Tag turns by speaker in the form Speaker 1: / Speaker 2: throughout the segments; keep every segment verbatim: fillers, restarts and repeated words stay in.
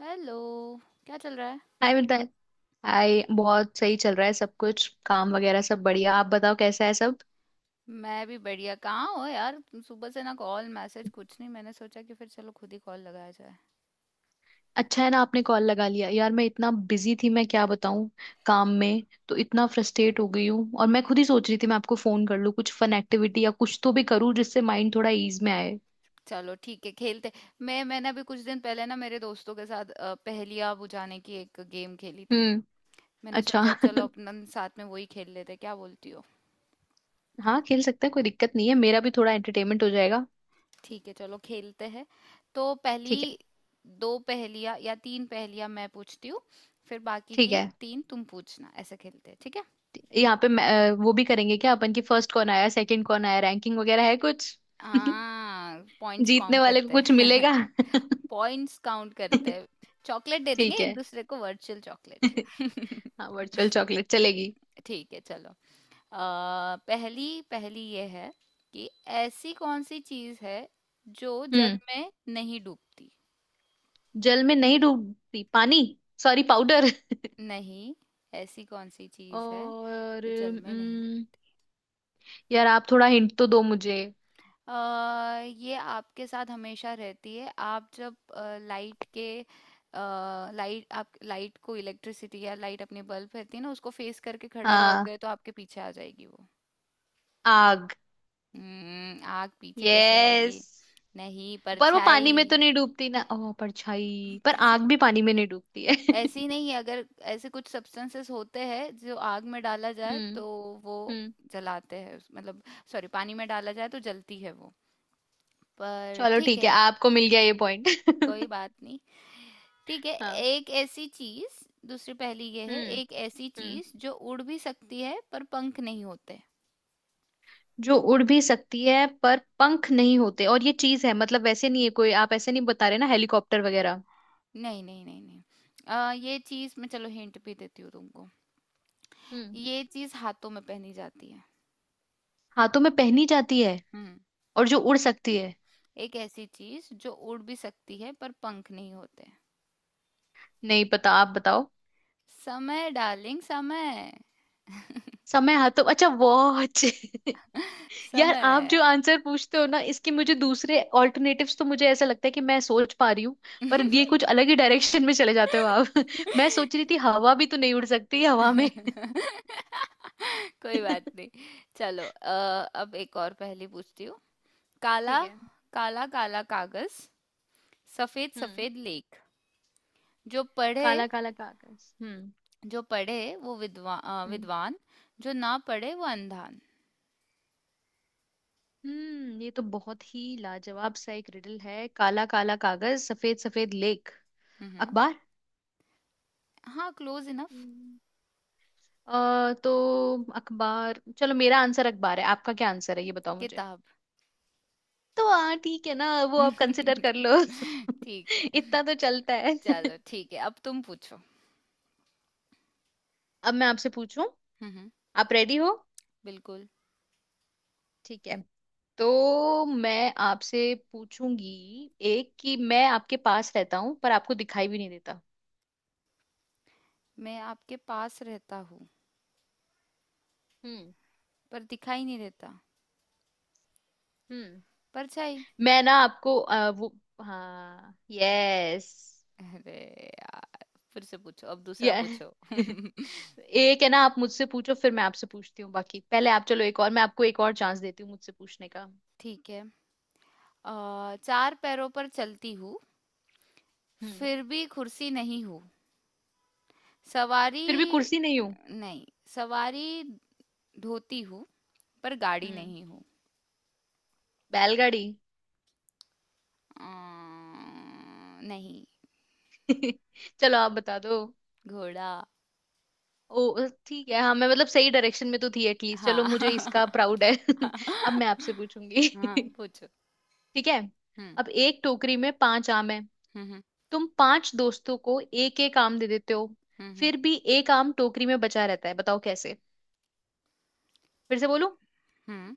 Speaker 1: Hello. क्या चल रहा है।
Speaker 2: हाय मिताली। हाय, बहुत सही चल रहा है सब कुछ। काम वगैरह सब बढ़िया। आप बताओ कैसा है सब?
Speaker 1: मैं भी बढ़िया, कहाँ हो यार? तुम सुबह से ना कॉल मैसेज कुछ नहीं, मैंने सोचा कि फिर चलो खुद ही कॉल लगाया जाए।
Speaker 2: अच्छा है ना आपने कॉल लगा लिया। यार मैं इतना बिजी थी, मैं क्या बताऊं। काम में तो इतना फ्रस्ट्रेट हो गई हूँ, और मैं खुद ही सोच रही थी मैं आपको फोन कर लूं, कुछ फन एक्टिविटी या कुछ तो भी करूँ जिससे माइंड थोड़ा ईज में आए।
Speaker 1: चलो ठीक है खेलते। मैं मैंने अभी कुछ दिन पहले ना मेरे दोस्तों के साथ अ, पहेलियाँ बुझाने की एक गेम खेली थी।
Speaker 2: हम्म।
Speaker 1: मैंने
Speaker 2: अच्छा।
Speaker 1: सोचा चलो अपन साथ में वही खेल लेते हैं, क्या बोलती हो?
Speaker 2: हाँ खेल सकते हैं, कोई दिक्कत नहीं है। मेरा भी थोड़ा एंटरटेनमेंट हो जाएगा।
Speaker 1: ठीक है चलो खेलते हैं। तो पहली
Speaker 2: ठीक है।
Speaker 1: दो पहेलियाँ या तीन पहेलियाँ मैं पूछती हूँ, फिर बाकी
Speaker 2: ठीक
Speaker 1: की
Speaker 2: है।
Speaker 1: तीन तुम पूछना, ऐसे खेलते हैं ठीक है?
Speaker 2: यहाँ पे मैं- अ, वो भी करेंगे क्या अपन की, फर्स्ट कौन आया सेकंड कौन आया रैंकिंग वगैरह है कुछ?
Speaker 1: हाँ, पॉइंट्स
Speaker 2: जीतने
Speaker 1: काउंट
Speaker 2: वाले को
Speaker 1: करते
Speaker 2: कुछ
Speaker 1: हैं।
Speaker 2: मिलेगा?
Speaker 1: पॉइंट्स काउंट करते हैं। चॉकलेट दे देंगे
Speaker 2: ठीक
Speaker 1: एक
Speaker 2: है।
Speaker 1: दूसरे को, वर्चुअल चॉकलेट।
Speaker 2: हाँ वर्चुअल चॉकलेट चलेगी।
Speaker 1: ठीक है चलो। आ, पहली पहली ये है कि ऐसी कौन सी चीज है जो जल
Speaker 2: हम्म।
Speaker 1: में नहीं डूबती।
Speaker 2: जल में नहीं डूबती? पानी। Sorry, powder.
Speaker 1: नहीं। ऐसी कौन सी चीज है
Speaker 2: और
Speaker 1: जो जल में नहीं?
Speaker 2: हम्म, यार आप थोड़ा हिंट तो दो मुझे।
Speaker 1: अ, ये आपके साथ हमेशा रहती है। आप जब लाइट के, लाइट, आप लाइट को इलेक्ट्रिसिटी या लाइट, अपनी बल्ब रहती है ना, उसको फेस करके खड़े
Speaker 2: हाँ,
Speaker 1: रहोगे तो आपके पीछे आ जाएगी वो।
Speaker 2: आग।
Speaker 1: हम्म, आग पीछे कैसे
Speaker 2: यस।
Speaker 1: आएगी? नहीं,
Speaker 2: पर वो पानी में तो
Speaker 1: परछाई।
Speaker 2: नहीं डूबती ना, ओ
Speaker 1: हम्म,
Speaker 2: परछाई, पर आग
Speaker 1: कैसे?
Speaker 2: भी पानी में नहीं डूबती है।
Speaker 1: ऐसी नहीं, अगर ऐसे कुछ सब्सटेंसेस होते हैं जो आग में डाला जाए तो
Speaker 2: हम्म।
Speaker 1: वो
Speaker 2: हम्म।
Speaker 1: जलाते हैं, उस- मतलब सॉरी पानी में डाला जाए तो जलती है वो, पर
Speaker 2: चलो
Speaker 1: ठीक
Speaker 2: ठीक है,
Speaker 1: है
Speaker 2: आपको मिल गया ये पॉइंट।
Speaker 1: कोई बात नहीं। ठीक है।
Speaker 2: हाँ।
Speaker 1: एक ऐसी चीज, दूसरी पहेली ये है,
Speaker 2: हम्म।
Speaker 1: एक ऐसी
Speaker 2: हम्म।
Speaker 1: चीज जो उड़ भी सकती है पर पंख नहीं होते।
Speaker 2: जो उड़ भी सकती है पर पंख नहीं होते, और ये चीज है, मतलब वैसे नहीं है कोई, आप ऐसे नहीं बता रहे ना, हेलीकॉप्टर वगैरह?
Speaker 1: नहीं नहीं नहीं नहीं। आ, ये चीज, मैं चलो हिंट भी देती हूँ तुमको।
Speaker 2: हम्म।
Speaker 1: ये चीज हाथों में पहनी जाती है।
Speaker 2: हाथों में पहनी जाती है,
Speaker 1: हम्म।
Speaker 2: और जो उड़ सकती है।
Speaker 1: एक ऐसी चीज जो उड़ भी सकती है पर पंख नहीं होते।
Speaker 2: नहीं पता, आप बताओ।
Speaker 1: समय डार्लिंग, समय।
Speaker 2: समय, हाथों, अच्छा वॉच। यार आप जो
Speaker 1: समय।
Speaker 2: आंसर पूछते हो ना इसके, मुझे दूसरे ऑल्टरनेटिव्स, तो मुझे ऐसा लगता है कि मैं सोच पा रही हूँ, पर ये कुछ अलग ही डायरेक्शन में चले जाते हो आप। मैं सोच रही थी हवा भी तो नहीं उड़ सकती हवा में।
Speaker 1: कोई बात नहीं। चलो अ, अब एक और पहेली पूछती हूँ। काला,
Speaker 2: ठीक है।
Speaker 1: काला काला कागज, सफेद
Speaker 2: हम्म।
Speaker 1: सफेद लेख, जो पढ़े,
Speaker 2: काला काला का आकाश?
Speaker 1: जो पढ़े वो विद्वान
Speaker 2: हम्म।
Speaker 1: विद्वान, जो ना पढ़े वो अंधान।
Speaker 2: हम्म, ये तो बहुत ही लाजवाब सा एक रिडल है। काला काला कागज सफेद सफेद लेख।
Speaker 1: हम्म।
Speaker 2: अखबार।
Speaker 1: हाँ, क्लोज इनफ।
Speaker 2: हम्म। अ तो, अखबार, चलो मेरा आंसर अखबार है। आपका क्या आंसर है ये बताओ मुझे।
Speaker 1: किताब।
Speaker 2: तो हाँ ठीक है ना, वो आप कंसिडर कर लो।
Speaker 1: ठीक है
Speaker 2: इतना तो चलता है।
Speaker 1: चलो ठीक है, अब तुम पूछो।
Speaker 2: अब मैं आपसे पूछूं।
Speaker 1: हम्म।
Speaker 2: आप रेडी हो?
Speaker 1: बिल्कुल।
Speaker 2: ठीक है। तो मैं आपसे पूछूंगी एक, कि मैं आपके पास रहता हूं पर आपको दिखाई भी नहीं देता।
Speaker 1: मैं आपके पास रहता हूँ
Speaker 2: हम्म।
Speaker 1: पर दिखाई नहीं देता।
Speaker 2: हम्म।
Speaker 1: परछाई।
Speaker 2: मैं ना आपको अ, वो, हाँ यस,
Speaker 1: अरे यार, फिर से पूछो, अब दूसरा
Speaker 2: ये।
Speaker 1: पूछो।
Speaker 2: एक है ना, आप मुझसे पूछो फिर मैं आपसे पूछती हूँ, बाकी पहले आप। चलो एक और, मैं आपको एक और चांस देती हूँ मुझसे पूछने का।
Speaker 1: ठीक है। अ, चार पैरों पर चलती हूँ,
Speaker 2: हम्म।
Speaker 1: फिर भी कुर्सी नहीं हूँ। सवारी।
Speaker 2: फिर भी कुर्सी नहीं हूँ।
Speaker 1: नहीं। सवारी धोती हूँ, पर गाड़ी
Speaker 2: हम्म।
Speaker 1: नहीं हूँ।
Speaker 2: बैलगाड़ी।
Speaker 1: अं, नहीं।
Speaker 2: चलो आप बता दो।
Speaker 1: घोड़ा।
Speaker 2: ओ ठीक है। हाँ मैं मतलब सही डायरेक्शन में तो थी एटलीस्ट, चलो
Speaker 1: हाँ।
Speaker 2: मुझे इसका प्राउड है। अब मैं आपसे
Speaker 1: हाँ
Speaker 2: पूछूंगी।
Speaker 1: पूछो।
Speaker 2: ठीक है।
Speaker 1: हम्म।
Speaker 2: अब एक टोकरी में पांच आम है।
Speaker 1: हम्म। हम्म।
Speaker 2: तुम पांच दोस्तों को एक एक आम दे देते हो।
Speaker 1: हम्म।
Speaker 2: फिर भी एक आम टोकरी में बचा रहता है, बताओ कैसे? फिर से बोलूं।
Speaker 1: हम्म,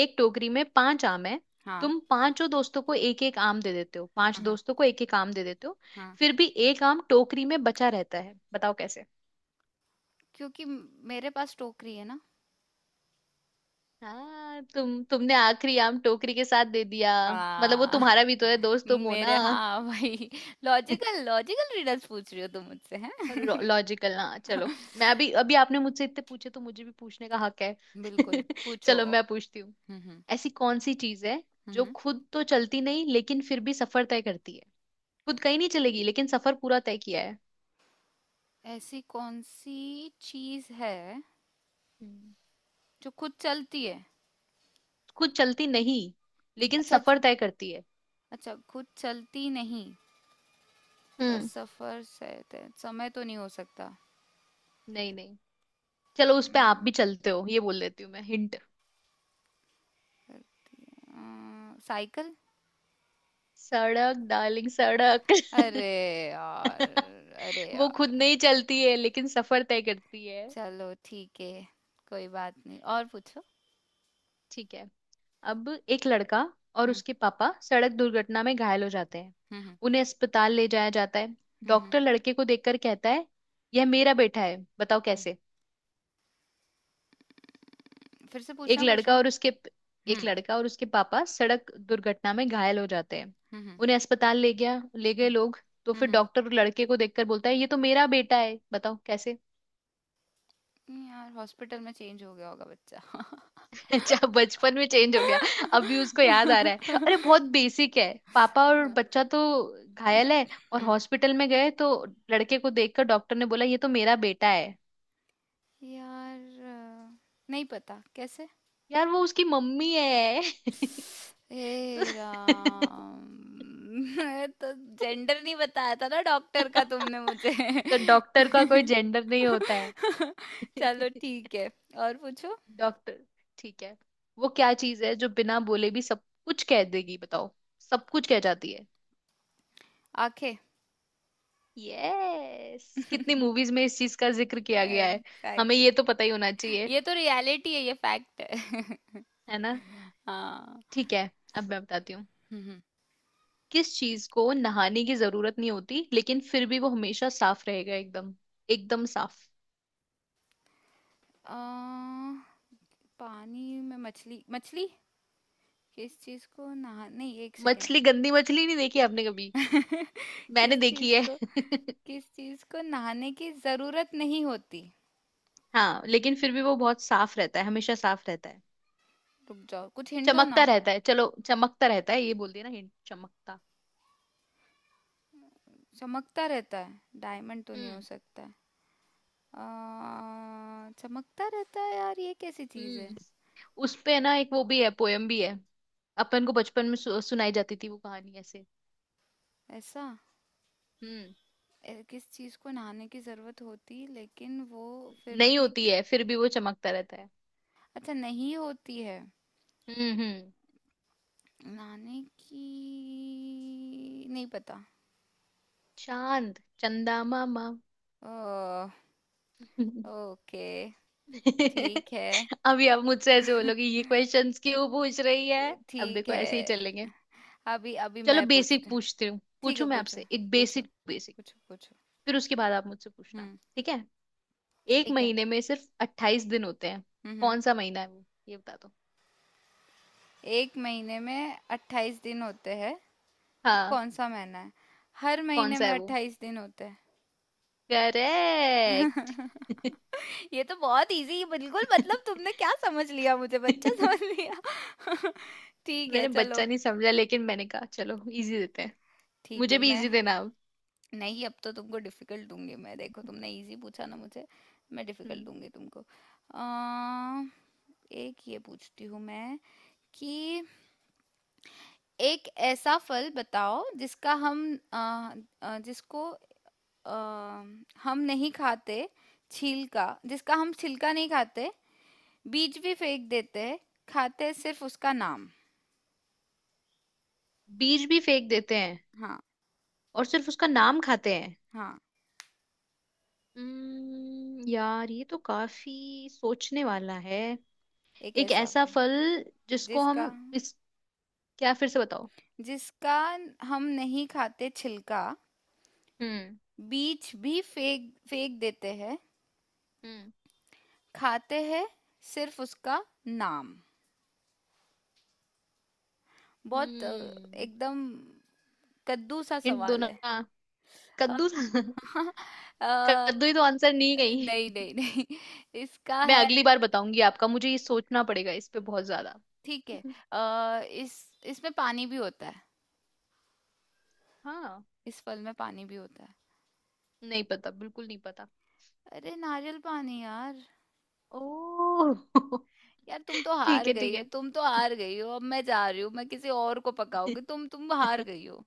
Speaker 2: एक टोकरी में पांच आम है।
Speaker 1: हाँ।
Speaker 2: तुम पांचों दोस्तों को एक एक आम दे देते हो, पांच
Speaker 1: हाँ। हम्म, हम्म,
Speaker 2: दोस्तों को एक एक आम दे देते हो।
Speaker 1: हाँ।
Speaker 2: फिर भी एक आम टोकरी में बचा रहता है, बताओ कैसे?
Speaker 1: क्योंकि मेरे पास टोकरी है ना।
Speaker 2: हाँ, तुम तुमने आखिरी आम टोकरी के साथ दे दिया। मतलब वो
Speaker 1: हाँ।
Speaker 2: तुम्हारा भी तो है दोस्त, तुम हो
Speaker 1: मेरे,
Speaker 2: ना।
Speaker 1: हाँ भाई, लॉजिकल, लॉजिकल रीडर्स पूछ रही हो तुम मुझसे हैं।
Speaker 2: लॉजिकल ना, चलो। मैं अभी, अभी आपने मुझसे इतने पूछे तो मुझे भी पूछने का हक है।
Speaker 1: बिल्कुल पूछो।
Speaker 2: चलो मैं पूछती हूँ।
Speaker 1: हम्म। हम्म।
Speaker 2: ऐसी कौन सी चीज है
Speaker 1: हम्म,
Speaker 2: जो
Speaker 1: हम्म।
Speaker 2: खुद तो चलती नहीं लेकिन फिर भी सफर तय करती है? खुद कहीं नहीं चलेगी लेकिन सफर पूरा तय किया है।
Speaker 1: ऐसी कौन सी चीज है
Speaker 2: हम्म।
Speaker 1: जो खुद चलती है?
Speaker 2: खुद चलती नहीं लेकिन
Speaker 1: अच्छा
Speaker 2: सफर
Speaker 1: जो-
Speaker 2: तय करती है।
Speaker 1: अच्छा, खुद चलती नहीं पर
Speaker 2: हम्म।
Speaker 1: सफर से ते- समय तो नहीं हो सकता।
Speaker 2: नहीं, नहीं। चलो, उस पे आप
Speaker 1: हम्म,
Speaker 2: भी चलते हो ये बोल देती हूँ मैं हिंट।
Speaker 1: अ, साइकिल।
Speaker 2: सड़क, डार्लिंग, सड़क।
Speaker 1: अरे यार, अरे
Speaker 2: वो
Speaker 1: यार।
Speaker 2: खुद नहीं चलती है लेकिन सफर तय करती है।
Speaker 1: चलो ठीक है, कोई बात नहीं, और पूछो।
Speaker 2: ठीक है। अब, एक लड़का और
Speaker 1: हम्म।
Speaker 2: उसके पापा सड़क दुर्घटना में घायल हो जाते हैं।
Speaker 1: हम्म। हम्म।
Speaker 2: उन्हें अस्पताल ले जाया जाता है।
Speaker 1: हम्म, हम्म।
Speaker 2: डॉक्टर लड़के को देखकर कहता है यह मेरा बेटा है, बताओ
Speaker 1: हम्म।
Speaker 2: कैसे?
Speaker 1: फिर से
Speaker 2: एक
Speaker 1: पूछना
Speaker 2: लड़का
Speaker 1: क्वेश्चन।
Speaker 2: और उसके एक
Speaker 1: हम्म।
Speaker 2: लड़का और उसके पापा सड़क दुर्घटना में घायल हो जाते हैं।
Speaker 1: हम्म। हम्म।
Speaker 2: उन्हें अस्पताल ले गया ले गए लोग। तो
Speaker 1: हम्म।
Speaker 2: फिर
Speaker 1: हम्म।
Speaker 2: डॉक्टर लड़के को देखकर बोलता है ये तो मेरा बेटा है, बताओ कैसे?
Speaker 1: नहीं यार, हॉस्पिटल में चेंज हो गया होगा।
Speaker 2: अच्छा, बचपन में चेंज हो गया, अभी उसको याद आ रहा
Speaker 1: बच्चा।
Speaker 2: है? अरे बहुत बेसिक है। पापा और बच्चा तो घायल है और
Speaker 1: हम्म,
Speaker 2: हॉस्पिटल में गए, तो लड़के को देखकर डॉक्टर ने बोला ये तो मेरा बेटा है।
Speaker 1: यार अ, नहीं पता कैसे।
Speaker 2: यार, वो उसकी मम्मी है। तो,
Speaker 1: हे राम। मैं तो, जेंडर नहीं बताया था ना डॉक्टर का तुमने मुझे।
Speaker 2: तो डॉक्टर का कोई जेंडर नहीं होता है।
Speaker 1: चलो ठीक है, और पूछो।
Speaker 2: डॉक्टर। ठीक है। वो क्या चीज है जो बिना बोले भी सब कुछ कह देगी, बताओ? सब कुछ कह जाती है।
Speaker 1: आंखें।
Speaker 2: यस। कितनी मूवीज में इस चीज का जिक्र किया गया है। हमें ये
Speaker 1: एग्जैक्टली।
Speaker 2: तो पता ही होना चाहिए।
Speaker 1: ये तो रियलिटी है, ये फैक्ट है।
Speaker 2: है ना?
Speaker 1: हाँ।
Speaker 2: ठीक है। अब मैं बताती हूँ।
Speaker 1: हम्म,
Speaker 2: किस चीज को नहाने की जरूरत नहीं होती लेकिन फिर भी वो हमेशा साफ रहेगा, एकदम एकदम साफ?
Speaker 1: अ, पानी में मछली, मछली। किस चीज को नहा नहीं एक
Speaker 2: मछली,
Speaker 1: सेकेंड।
Speaker 2: गंदी मछली नहीं देखी आपने कभी?
Speaker 1: किस
Speaker 2: मैंने देखी
Speaker 1: चीज
Speaker 2: है।
Speaker 1: को, किस चीज को नहाने की जरूरत नहीं होती?
Speaker 2: हाँ लेकिन फिर भी वो बहुत साफ रहता है, हमेशा साफ रहता है।
Speaker 1: रुक जाओ, कुछ हिंट दो
Speaker 2: चमकता
Speaker 1: ना।
Speaker 2: रहता है, चलो चमकता रहता है, ये बोल दिया ना हिंट, चमकता।
Speaker 1: चमकता रहता है, डायमंड तो नहीं हो
Speaker 2: हम्म।
Speaker 1: सकता है। आ, चमकता रहता है यार, ये कैसी चीज है?
Speaker 2: हम्म। उस पे ना एक वो भी है, पोयम भी है। अपन को बचपन में सु, सुनाई जाती थी वो कहानी ऐसे।
Speaker 1: ऐसा।
Speaker 2: हम्म।
Speaker 1: ए, किस चीज को नहाने की जरूरत होती लेकिन वो फिर
Speaker 2: नहीं
Speaker 1: भी।
Speaker 2: होती है फिर भी वो चमकता रहता है।
Speaker 1: अच्छा नहीं होती है,
Speaker 2: हम्म। हम्म।
Speaker 1: नहाने की नहीं पता।
Speaker 2: चांद, चंदा मामा।
Speaker 1: ओ। ओके। ठीक है।
Speaker 2: अभी आप मुझसे ऐसे बोलोगे ये क्वेश्चंस क्यों पूछ रही है, अब
Speaker 1: ठीक
Speaker 2: देखो
Speaker 1: है।
Speaker 2: ऐसे ही चलेंगे।
Speaker 1: अभी अभी
Speaker 2: चलो
Speaker 1: मैं
Speaker 2: बेसिक
Speaker 1: पूछती हूँ।
Speaker 2: पूछती हूँ
Speaker 1: ठीक
Speaker 2: पूछू
Speaker 1: है
Speaker 2: मैं
Speaker 1: पूछो,
Speaker 2: आपसे, एक
Speaker 1: पूछो,
Speaker 2: बेसिक बेसिक।
Speaker 1: पूछो, पूछो।
Speaker 2: फिर उसके बाद आप मुझसे पूछना,
Speaker 1: हम्म।
Speaker 2: ठीक है? एक
Speaker 1: ठीक है।
Speaker 2: महीने में सिर्फ अट्ठाईस दिन होते हैं,
Speaker 1: हम्म। हम्म।
Speaker 2: कौन सा महीना है वो, ये बता दो।
Speaker 1: एक महीने में अट्ठाईस दिन होते हैं, वो
Speaker 2: हाँ।
Speaker 1: कौन सा महीना है? हर
Speaker 2: कौन
Speaker 1: महीने
Speaker 2: सा
Speaker 1: में
Speaker 2: है?
Speaker 1: अट्ठाईस दिन होते हैं।
Speaker 2: करेक्ट।
Speaker 1: ये तो बहुत इजी, बिल्कुल, मतलब तुमने क्या समझ लिया, मुझे बच्चा समझ लिया? ठीक है
Speaker 2: मैंने
Speaker 1: चलो।
Speaker 2: बच्चा नहीं समझा, लेकिन मैंने कहा चलो इजी देते हैं।
Speaker 1: ठीक
Speaker 2: मुझे
Speaker 1: है
Speaker 2: भी
Speaker 1: मैं,
Speaker 2: इजी देना अब।
Speaker 1: नहीं अब तो तुमको डिफिकल्ट दूंगी मैं, देखो तुमने इजी पूछा ना मुझे, मैं डिफिकल्ट
Speaker 2: हम्म।
Speaker 1: दूंगी तुमको। अ, एक ये पूछती हूँ मैं, कि एक ऐसा फल बताओ जिसका हम, अ, अ, जिसको अ, हम नहीं खाते छिलका, जिसका हम छिलका नहीं खाते, बीज भी फेंक देते हैं, खाते हैं सिर्फ उसका नाम।
Speaker 2: बीज भी फेंक देते हैं
Speaker 1: हाँ।
Speaker 2: और सिर्फ उसका नाम खाते हैं।
Speaker 1: हाँ।
Speaker 2: हम्म, यार ये तो काफी सोचने वाला है।
Speaker 1: एक
Speaker 2: एक
Speaker 1: ऐसा
Speaker 2: ऐसा
Speaker 1: फल,
Speaker 2: फल जिसको हम
Speaker 1: जिसका,
Speaker 2: इस क्या, फिर से बताओ।
Speaker 1: जिसका हम नहीं खाते छिलका,
Speaker 2: हम्म।
Speaker 1: बीज भी फेंक फेंक देते हैं,
Speaker 2: हम्म।
Speaker 1: खाते हैं सिर्फ उसका नाम। बहुत अ,
Speaker 2: हम्म।
Speaker 1: एकदम कद्दू सा
Speaker 2: हिंट दो
Speaker 1: सवाल
Speaker 2: ना।
Speaker 1: है। अ,
Speaker 2: कद्दू था?
Speaker 1: अ,
Speaker 2: कद्दू ही तो आंसर नहीं गई।
Speaker 1: नहीं नहीं नहीं। इसका
Speaker 2: मैं
Speaker 1: है।
Speaker 2: अगली बार बताऊंगी आपका, मुझे ये सोचना पड़ेगा इस पे बहुत ज्यादा।
Speaker 1: ठीक है। अ, इस इसमें पानी भी होता है।
Speaker 2: हाँ।
Speaker 1: इस फल में पानी भी होता है।
Speaker 2: नहीं पता, बिल्कुल नहीं पता।
Speaker 1: अरे नारियल पानी यार।
Speaker 2: ओ।
Speaker 1: यार तुम तो हार
Speaker 2: ठीक है,
Speaker 1: गई
Speaker 2: ठीक
Speaker 1: हो,
Speaker 2: है।
Speaker 1: तुम तो हार गई हो, अब मैं जा रही हूँ, मैं किसी और को पकाऊंगी, तुम तुम हार गई हो।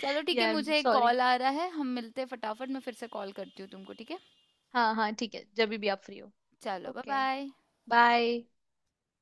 Speaker 1: चलो ठीक है,
Speaker 2: यार
Speaker 1: मुझे एक
Speaker 2: सॉरी।
Speaker 1: कॉल आ रहा है, हम मिलते हैं फटाफट, मैं फिर से कॉल करती हूँ तुमको ठीक है।
Speaker 2: हाँ हाँ ठीक है, जब भी आप फ्री हो।
Speaker 1: चलो बाय
Speaker 2: ओके।
Speaker 1: बाय।
Speaker 2: बाय।